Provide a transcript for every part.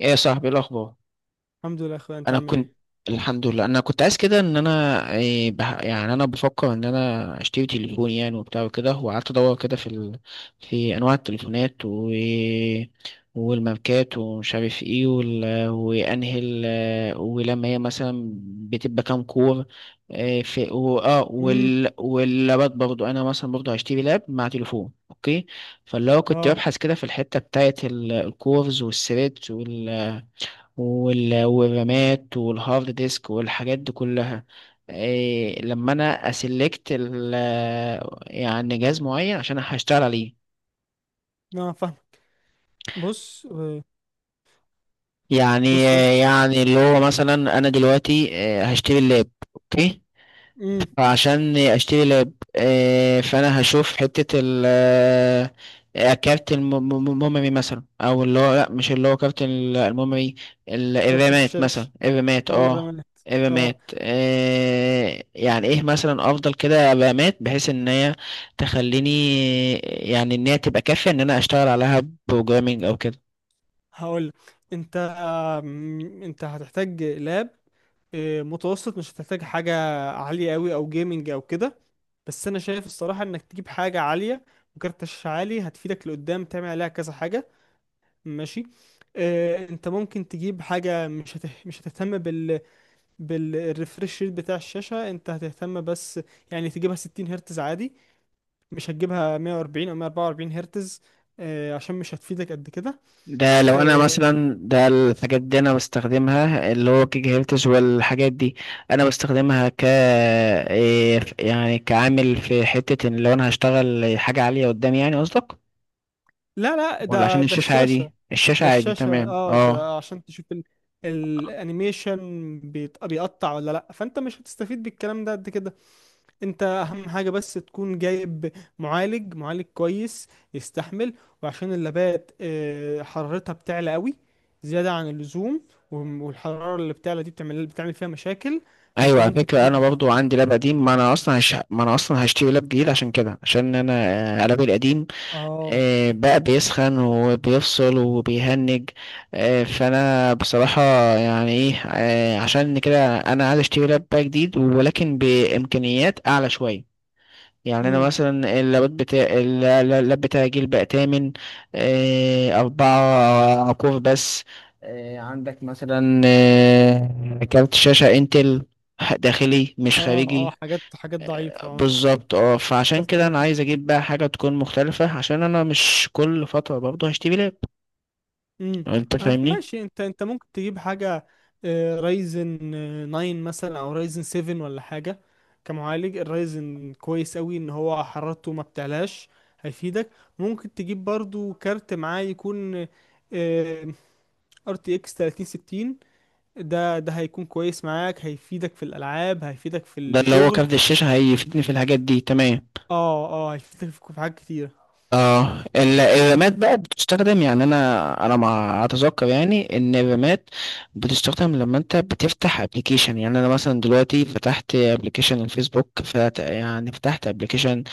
ايه يا صاحبي، إيه الاخبار؟ الحمد لله يا اخويا، انت انا عامل كنت ايه؟ الحمد لله، انا كنت عايز كده ان انا إيه يعني انا بفكر ان انا اشتري تليفون، يعني وبتاع وكده، وقعدت ادور كده في في انواع التليفونات والماركات ومش عارف ايه ولما هي مثلا بتبقى كام كور، إيه في امم واللابات برضو. انا مثلا برضو هشتري لاب مع تليفون. اوكي، فاللي هو كنت اه ببحث كده في الحتة بتاعت الكورز والثريدز والرامات والهارد ديسك والحاجات دي كلها، إيه لما انا اسلكت ال يعني جهاز معين عشان هشتغل عليه. اه فاهم. بص يعني بص يا اسطى. يعني اللي هو مثلا انا دلوقتي هشتري اللاب. اوكي، امم عشان اشتري لاب، فانا هشوف حتة ال كارت الميموري مثلا، او اللي هو لا، مش اللي هو كارت الميموري، كارت الرامات مثلا، الشاشه الرامات او اه. الرامات. اه الرامات، يعني ايه مثلا افضل كده رامات بحيث ان هي تخليني، يعني ان هي تبقى كافية ان انا اشتغل عليها بروجرامينج او كده. هقول لك، انت انت هتحتاج لاب متوسط، مش هتحتاج حاجه عاليه قوي او جيمنج او كده. بس انا شايف الصراحه انك تجيب حاجه عاليه، وكارت الشاشه عالي هتفيدك لقدام تعمل عليها كذا حاجه. ماشي. انت ممكن تجيب حاجه مش هتهتم بال بالريفرش ريت بتاع الشاشة، انت هتهتم بس يعني تجيبها 60 هرتز عادي، مش هتجيبها 140 او 144 هرتز. عشان مش هتفيدك قد كده. ده لو انا آه، مثلا، ده الحاجات دي انا بستخدمها اللي هو كيك هيلتش والحاجات دي، انا بستخدمها ك إيه يعني كعامل في حتة ان لو انا هشتغل حاجة عالية قدامي، يعني قصدك؟ لا لا، ولا عشان ده الشاشة؟ عادي الشاشة. الشاشة ده عادي الشاشة، تمام اه اه. ده عشان تشوف الانيميشن بيقطع ولا لا، فانت مش هتستفيد بالكلام ده قد كده. انت اهم حاجة بس تكون جايب معالج كويس يستحمل. وعشان اللابات حرارتها بتعلى قوي زيادة عن اللزوم، والحرارة اللي بتعلى دي بتعمل فيها مشاكل، فانت ايوه، على ممكن فكرة انا تجيب. برضو عندي لاب قديم. ما انا اصلا هشتري لاب جديد عشان كده، عشان انا لابي القديم اه بقى بيسخن وبيفصل وبيهنج. فانا بصراحة يعني ايه، عشان كده انا عايز اشتري لاب بقى جديد ولكن بامكانيات اعلى شوية. يعني انا امم مثلا اللابات بتاع اللاب بتاعي جيل بقى تامن، 4 كور بس. عندك مثلا كارت شاشة انتل، داخلي مش اه خارجي. حاجات ضعيفة اه. بالظبط اه، فعشان كده انا كالتمودي. عايز اجيب بقى حاجه تكون مختلفه عشان انا مش كل فتره برضه هشتري لاب. امم انت فاهمني؟ ماشي. انت ممكن تجيب حاجه رايزن 9 مثلا او رايزن 7 ولا حاجه. كمعالج الرايزن كويس قوي ان هو حرارته ما بتعلاش، هيفيدك. ممكن تجيب برضو كارت معاه، يكون ار تي اكس 3060. ده هيكون كويس معاك، هيفيدك في الالعاب، هيفيدك في ده اللي هو الشغل. كارت الشاشه هيفيدني في الحاجات دي تمام. اه هيفيدك في حاجات كتيره. اه الرامات بقى بتستخدم، يعني انا ما اتذكر يعني ان الرامات بتستخدم لما انت بتفتح ابلكيشن. يعني انا مثلا دلوقتي فتحت ابلكيشن الفيسبوك، يعني فتحت ابلكيشن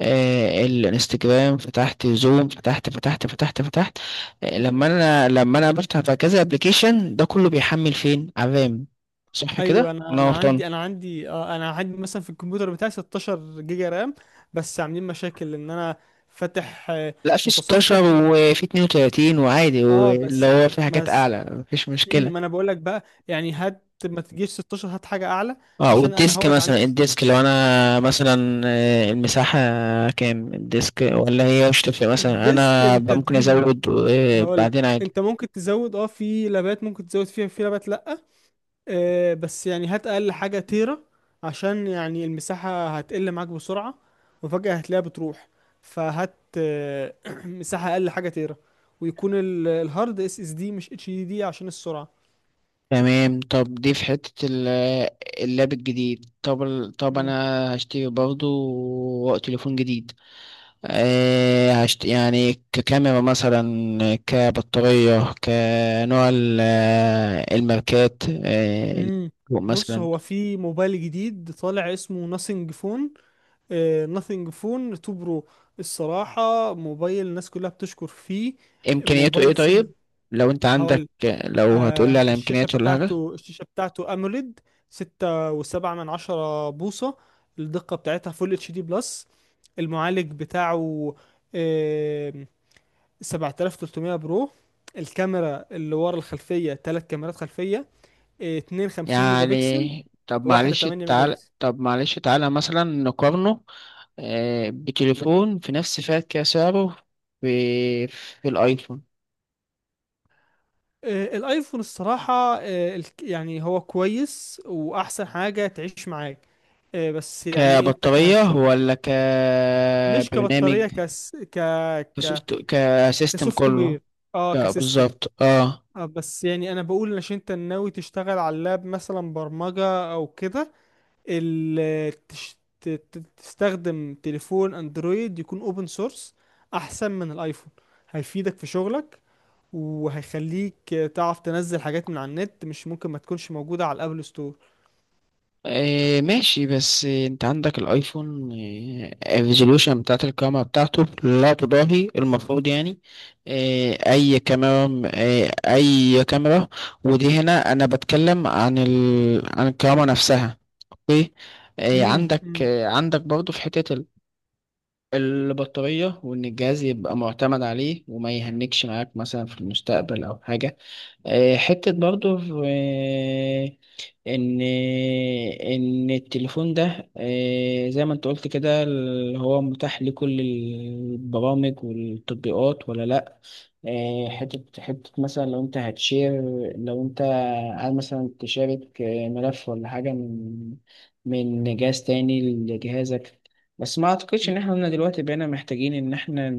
الانستجرام، فتحت زوم، فتحت، لما انا بفتح بقى كذا ابلكيشن ده كله بيحمل فين؟ على الرام صح ايوه، كده انا ولا انا انا غلطان؟ عندي انا عندي اه انا عندي مثلا في الكمبيوتر بتاعي 16 جيجا رام، بس عاملين مشاكل ان انا فاتح لا، في 16 متصفح و... وفي 32 وعادي، اه واللي بس هو في حاجات بس اعلى مفيش مم، مشكله. ما انا بقول لك بقى يعني هات ما تجيش 16، هات حاجه اعلى اه، عشان انا والديسك هوت عندي. مثلا، الديسك لو انا مثلا المساحه كام الديسك؟ ولا هي مش تفرق؟ مثلا الديسك انا انت بقى ممكن تجيب. ازود هقول. بعدين. انت ممكن تزود، اه، في لابات ممكن تزود فيها، في لابات لا. بس يعني هات اقل حاجه تيرا، عشان يعني المساحه هتقل معاك بسرعه، وفجاه هتلاقيها بتروح. فهات مساحه اقل حاجه تيرا، ويكون الهارد اس اس دي مش اتش دي دي عشان السرعه. تمام، طب دي في حتة اللاب الجديد. طب طب انا مم. هشتري برضه تليفون جديد. أه يعني ككاميرا مثلا، كبطارية، كنوع الماركات أه مم. بص، مثلا. هو في موبايل جديد طالع اسمه ناثينج فون، ناثينج فون 2 برو. الصراحه موبايل الناس كلها بتشكر فيه. امكانياته ايه موبايل طيب لو انت عندك، سهل. لو آه، هتقولي على الشاشة امكانياته ولا حاجة؟ بتاعته، الشاشة بتاعته أموليد، 6.7 بوصة. الدقة بتاعتها فول اتش دي بلس. المعالج بتاعه آه 7300 برو. الكاميرا اللي ورا الخلفية، تلات كاميرات خلفية 52 ميجا بكسل يعني وواحدة 8 ميجا بكسل. طب معلش تعالى مثلا نقارنه بتليفون في نفس فئة كده سعره. في الأيفون، آه الايفون الصراحة، آه يعني هو كويس، وأحسن حاجة تعيش معاك. آه بس يعني انت كبطارية كهشوف. ولا مش كبرنامج؟ كبطارية، كس ك ك كسيستم كسوفت كله. وير. اه لا كسيستم. بالظبط اه. آه بس يعني انا بقول عشان انت ناوي تشتغل على اللاب مثلا برمجة او كده، تستخدم تليفون اندرويد يكون اوبن سورس احسن من الايفون. هيفيدك في شغلك، وهيخليك تعرف تنزل حاجات من على النت مش ممكن ما تكونش موجودة على الابل ستور. ماشي، بس انت عندك الايفون الريزولوشن بتاعت الكاميرا بتاعته لا تضاهي المفروض يعني اي كاميرا، اي كاميرا. ودي هنا انا بتكلم عن عن الكاميرا نفسها. اوكي، امم امم عندك برضه في حتة البطارية، وان الجهاز يبقى معتمد عليه وما يهنكش معاك مثلا في المستقبل او حاجة. حتة برضو آه، إن، إن التليفون ده زي ما أنت قلت كده اللي هو متاح لكل البرامج والتطبيقات ولا لأ. حتة مثلا لو أنت هتشير، لو أنت عايز مثلا تشارك ملف ولا حاجة من من جهاز تاني لجهازك. بس ما أعتقدش إن إحنا دلوقتي بقينا محتاجين إن إحنا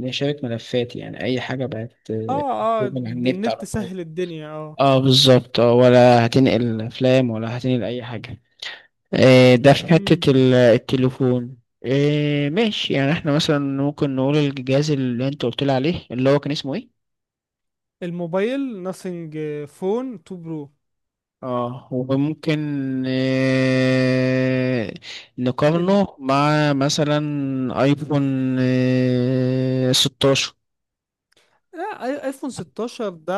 نشارك ملفات. يعني أي حاجة بقت اه اه من على النت على النت طول. سهل الدنيا اه. اه بالظبط اه، ولا هتنقل افلام ولا هتنقل اي حاجه. آه، ده في امم حته التليفون. آه ماشي، يعني احنا مثلا ممكن نقول الجهاز اللي انت قلت لي عليه اللي هو كان اسمه ايه؟ الموبايل ناثينج فون 2 برو. اه، وممكن آه نقارنه مع مثلا ايفون آه 16. لا، ايفون 16 ده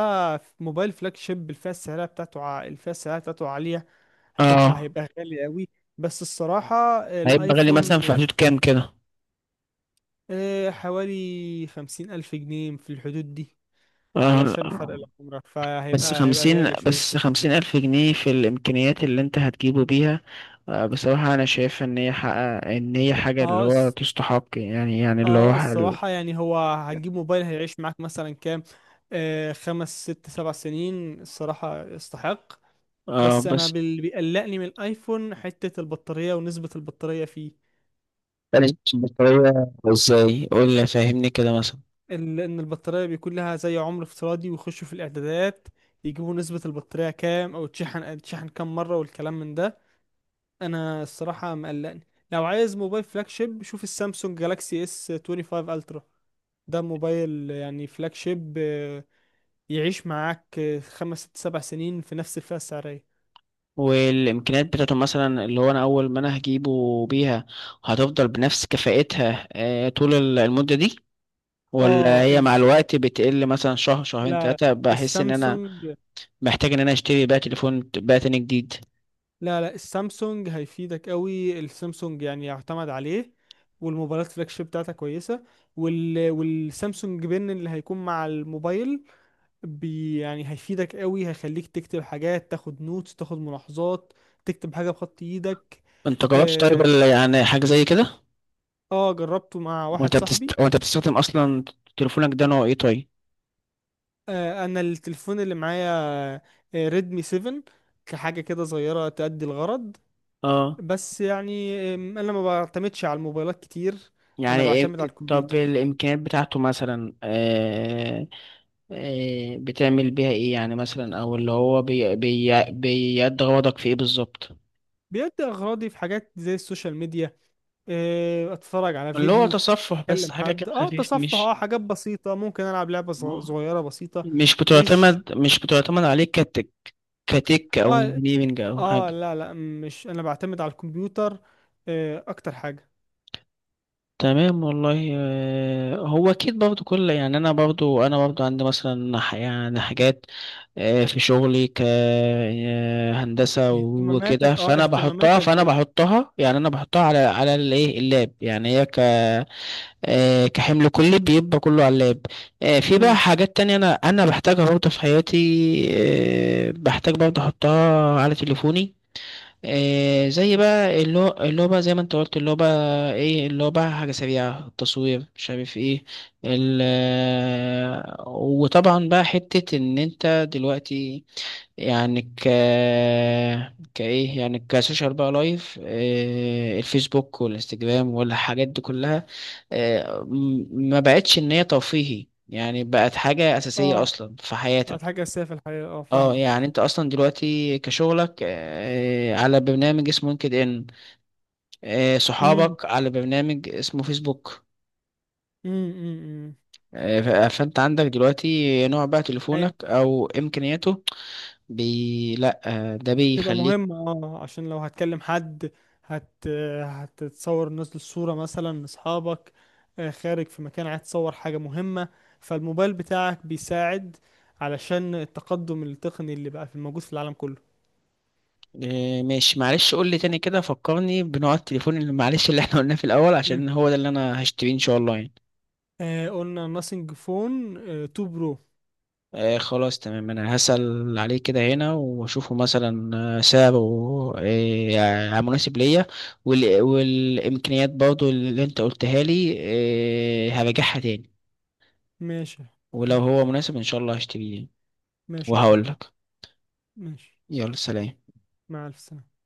موبايل فلاج شيب، الفئه السعريه بتاعته الفئه السعريه بتاعته عاليه، اه، هيبقى غالي قوي. بس الصراحه هيبقى غالي مثلا الايفون، في حدود كام كده؟ حوالي 50,000 جنيه في الحدود دي. اه، علشان فرق العمر، بس هيبقى خمسين غالي بس شويه. 50,000 جنيه في الإمكانيات اللي أنت هتجيبه بيها، بصراحة أنا شايف إن هي حاجة اللي اه هو الص- تستحق يعني. يعني اللي هو اه حل. الصراحه يعني هو هتجيب موبايل هيعيش معاك مثلا كام، خمس ست سبع سنين، الصراحه يستحق. اه بس انا بس، بيقلقني من الايفون حته البطاريه ونسبه البطاريه فيه. بلاش بطارية ازاي، قول لي فهمني كده مثلا. ان البطاريه بيكون لها زي عمر افتراضي، ويخشوا في الاعدادات يجيبوا نسبه البطاريه كام، او تشحن، كام مره والكلام من ده، انا الصراحه مقلقني. لو عايز موبايل فلاج شيب، شوف السامسونج جالاكسي اس 25 الترا. ده موبايل يعني فلاج شيب يعيش معاك خمس ست سبع سنين في نفس الفئه السعريه. والإمكانيات بتاعته مثلا اللي هو أنا أول ما أنا هجيبه بيها هتفضل بنفس كفاءتها طول المدة دي؟ ولا اه هي ال... مع الوقت بتقل مثلا شهر شهرين لا تلاتة بحس إن أنا السامسونج محتاج إن أنا أشتري بقى تليفون بقى تاني جديد؟ لا لا، السامسونج هيفيدك قوي، السامسونج يعني يعتمد عليه، والموبايلات فلاج شيب بتاعتها كويسه. والسامسونج بن اللي هيكون مع الموبايل يعني هيفيدك قوي، هيخليك تكتب حاجات، تاخد نوتس، تاخد ملاحظات، تكتب حاجه بخط ايدك. انت جربت طيب اه. يعني حاجة زي كده؟ جربته مع واحد صاحبي. وانت بتستخدم اصلا تليفونك ده نوع ايه طيب؟ آه انا التليفون اللي معايا آه ريدمي 7، كحاجه كده صغيره تأدي الغرض. اه، بس يعني انا ما بعتمدش على الموبايلات كتير، يعني انا ايه بعتمد على طب الكمبيوتر. الامكانيات بتاعته مثلا بتعمل بيها ايه؟ يعني مثلا، او اللي هو بيأدي غرضك في ايه بالظبط؟ بيدي اغراضي في حاجات زي السوشيال ميديا، اتفرج على اللي هو فيديو، تصفح بس، اكلم حاجة حد. كده اه خفيف، تصفح، مش اه حاجات بسيطة، ممكن العب لعبة صغيرة بسيطة. مش مش بتعتمد مش بتعتمد عليك كتك او اه انجينيرنج او اه حاجة؟ لا لا، مش، انا بعتمد على الكمبيوتر آه اكتر حاجة. تمام والله. هو اكيد برضو كل، يعني انا برضو عندي مثلا يعني حاجات في شغلي كهندسة وكده، اهتماماتك، اه فانا اهتماماتك بحطها فانا غيري. بحطها يعني انا بحطها على على الايه، اللاب، يعني هي ك كحمل كلي بيبقى كله على اللاب. في بقى امم حاجات تانية انا بحتاجها برضو في حياتي، بحتاج برضو احطها على تليفوني، إيه زي بقى اللعبة، زي ما انت قلت اللعبة ايه، اللعبة حاجة سريعة، التصوير مش عارف ايه، ال وطبعا بقى حتة ان انت دلوقتي يعني ك كايه، يعني كسوشيال بقى لايف، إيه، الفيسبوك والانستجرام والحاجات دي كلها، إيه ما بقتش ان هي ترفيهي، يعني بقت حاجة أساسية اه أصلا في بعد حياتك. حاجة اساسية في الحياة، اه اه، فاهمك. يعني انت اصلا دلوقتي كشغلك على برنامج اسمه لينكد ان، امم صحابك على برنامج اسمه فيسبوك. امم فانت عندك دلوقتي نوع بقى تليفونك امم او امكانياته لا، ده تبقى بيخليك. مهمة اه، عشان لو هتكلم حد، هت هتتصور، نازل صورة مثلا لأصحابك، خارج في مكان عايز تصور حاجة مهمة، فالموبايل بتاعك بيساعد، علشان التقدم التقني اللي بقى في الموجود في العالم كله. ماشي، معلش قول لي تاني كده، فكرني بنوع التليفون اللي معلش اللي احنا قلناه في الاول، مم. عشان هو ده اللي انا هشتريه ان شاء الله يعني. آه قلنا ناسينج فون آه 2 برو. آه خلاص تمام، انا هسأل عليه كده هنا واشوفه مثلا سعره آه يعني مناسب ليا، والامكانيات برضو اللي انت قلتها لي آه هراجعها تاني، ماشي. ولو مم. هو مناسب ان شاء الله هشتريه يعني. ماشي يا اخوي. وهقول لك. ماشي. يلا سلام. مع ألف سلامة.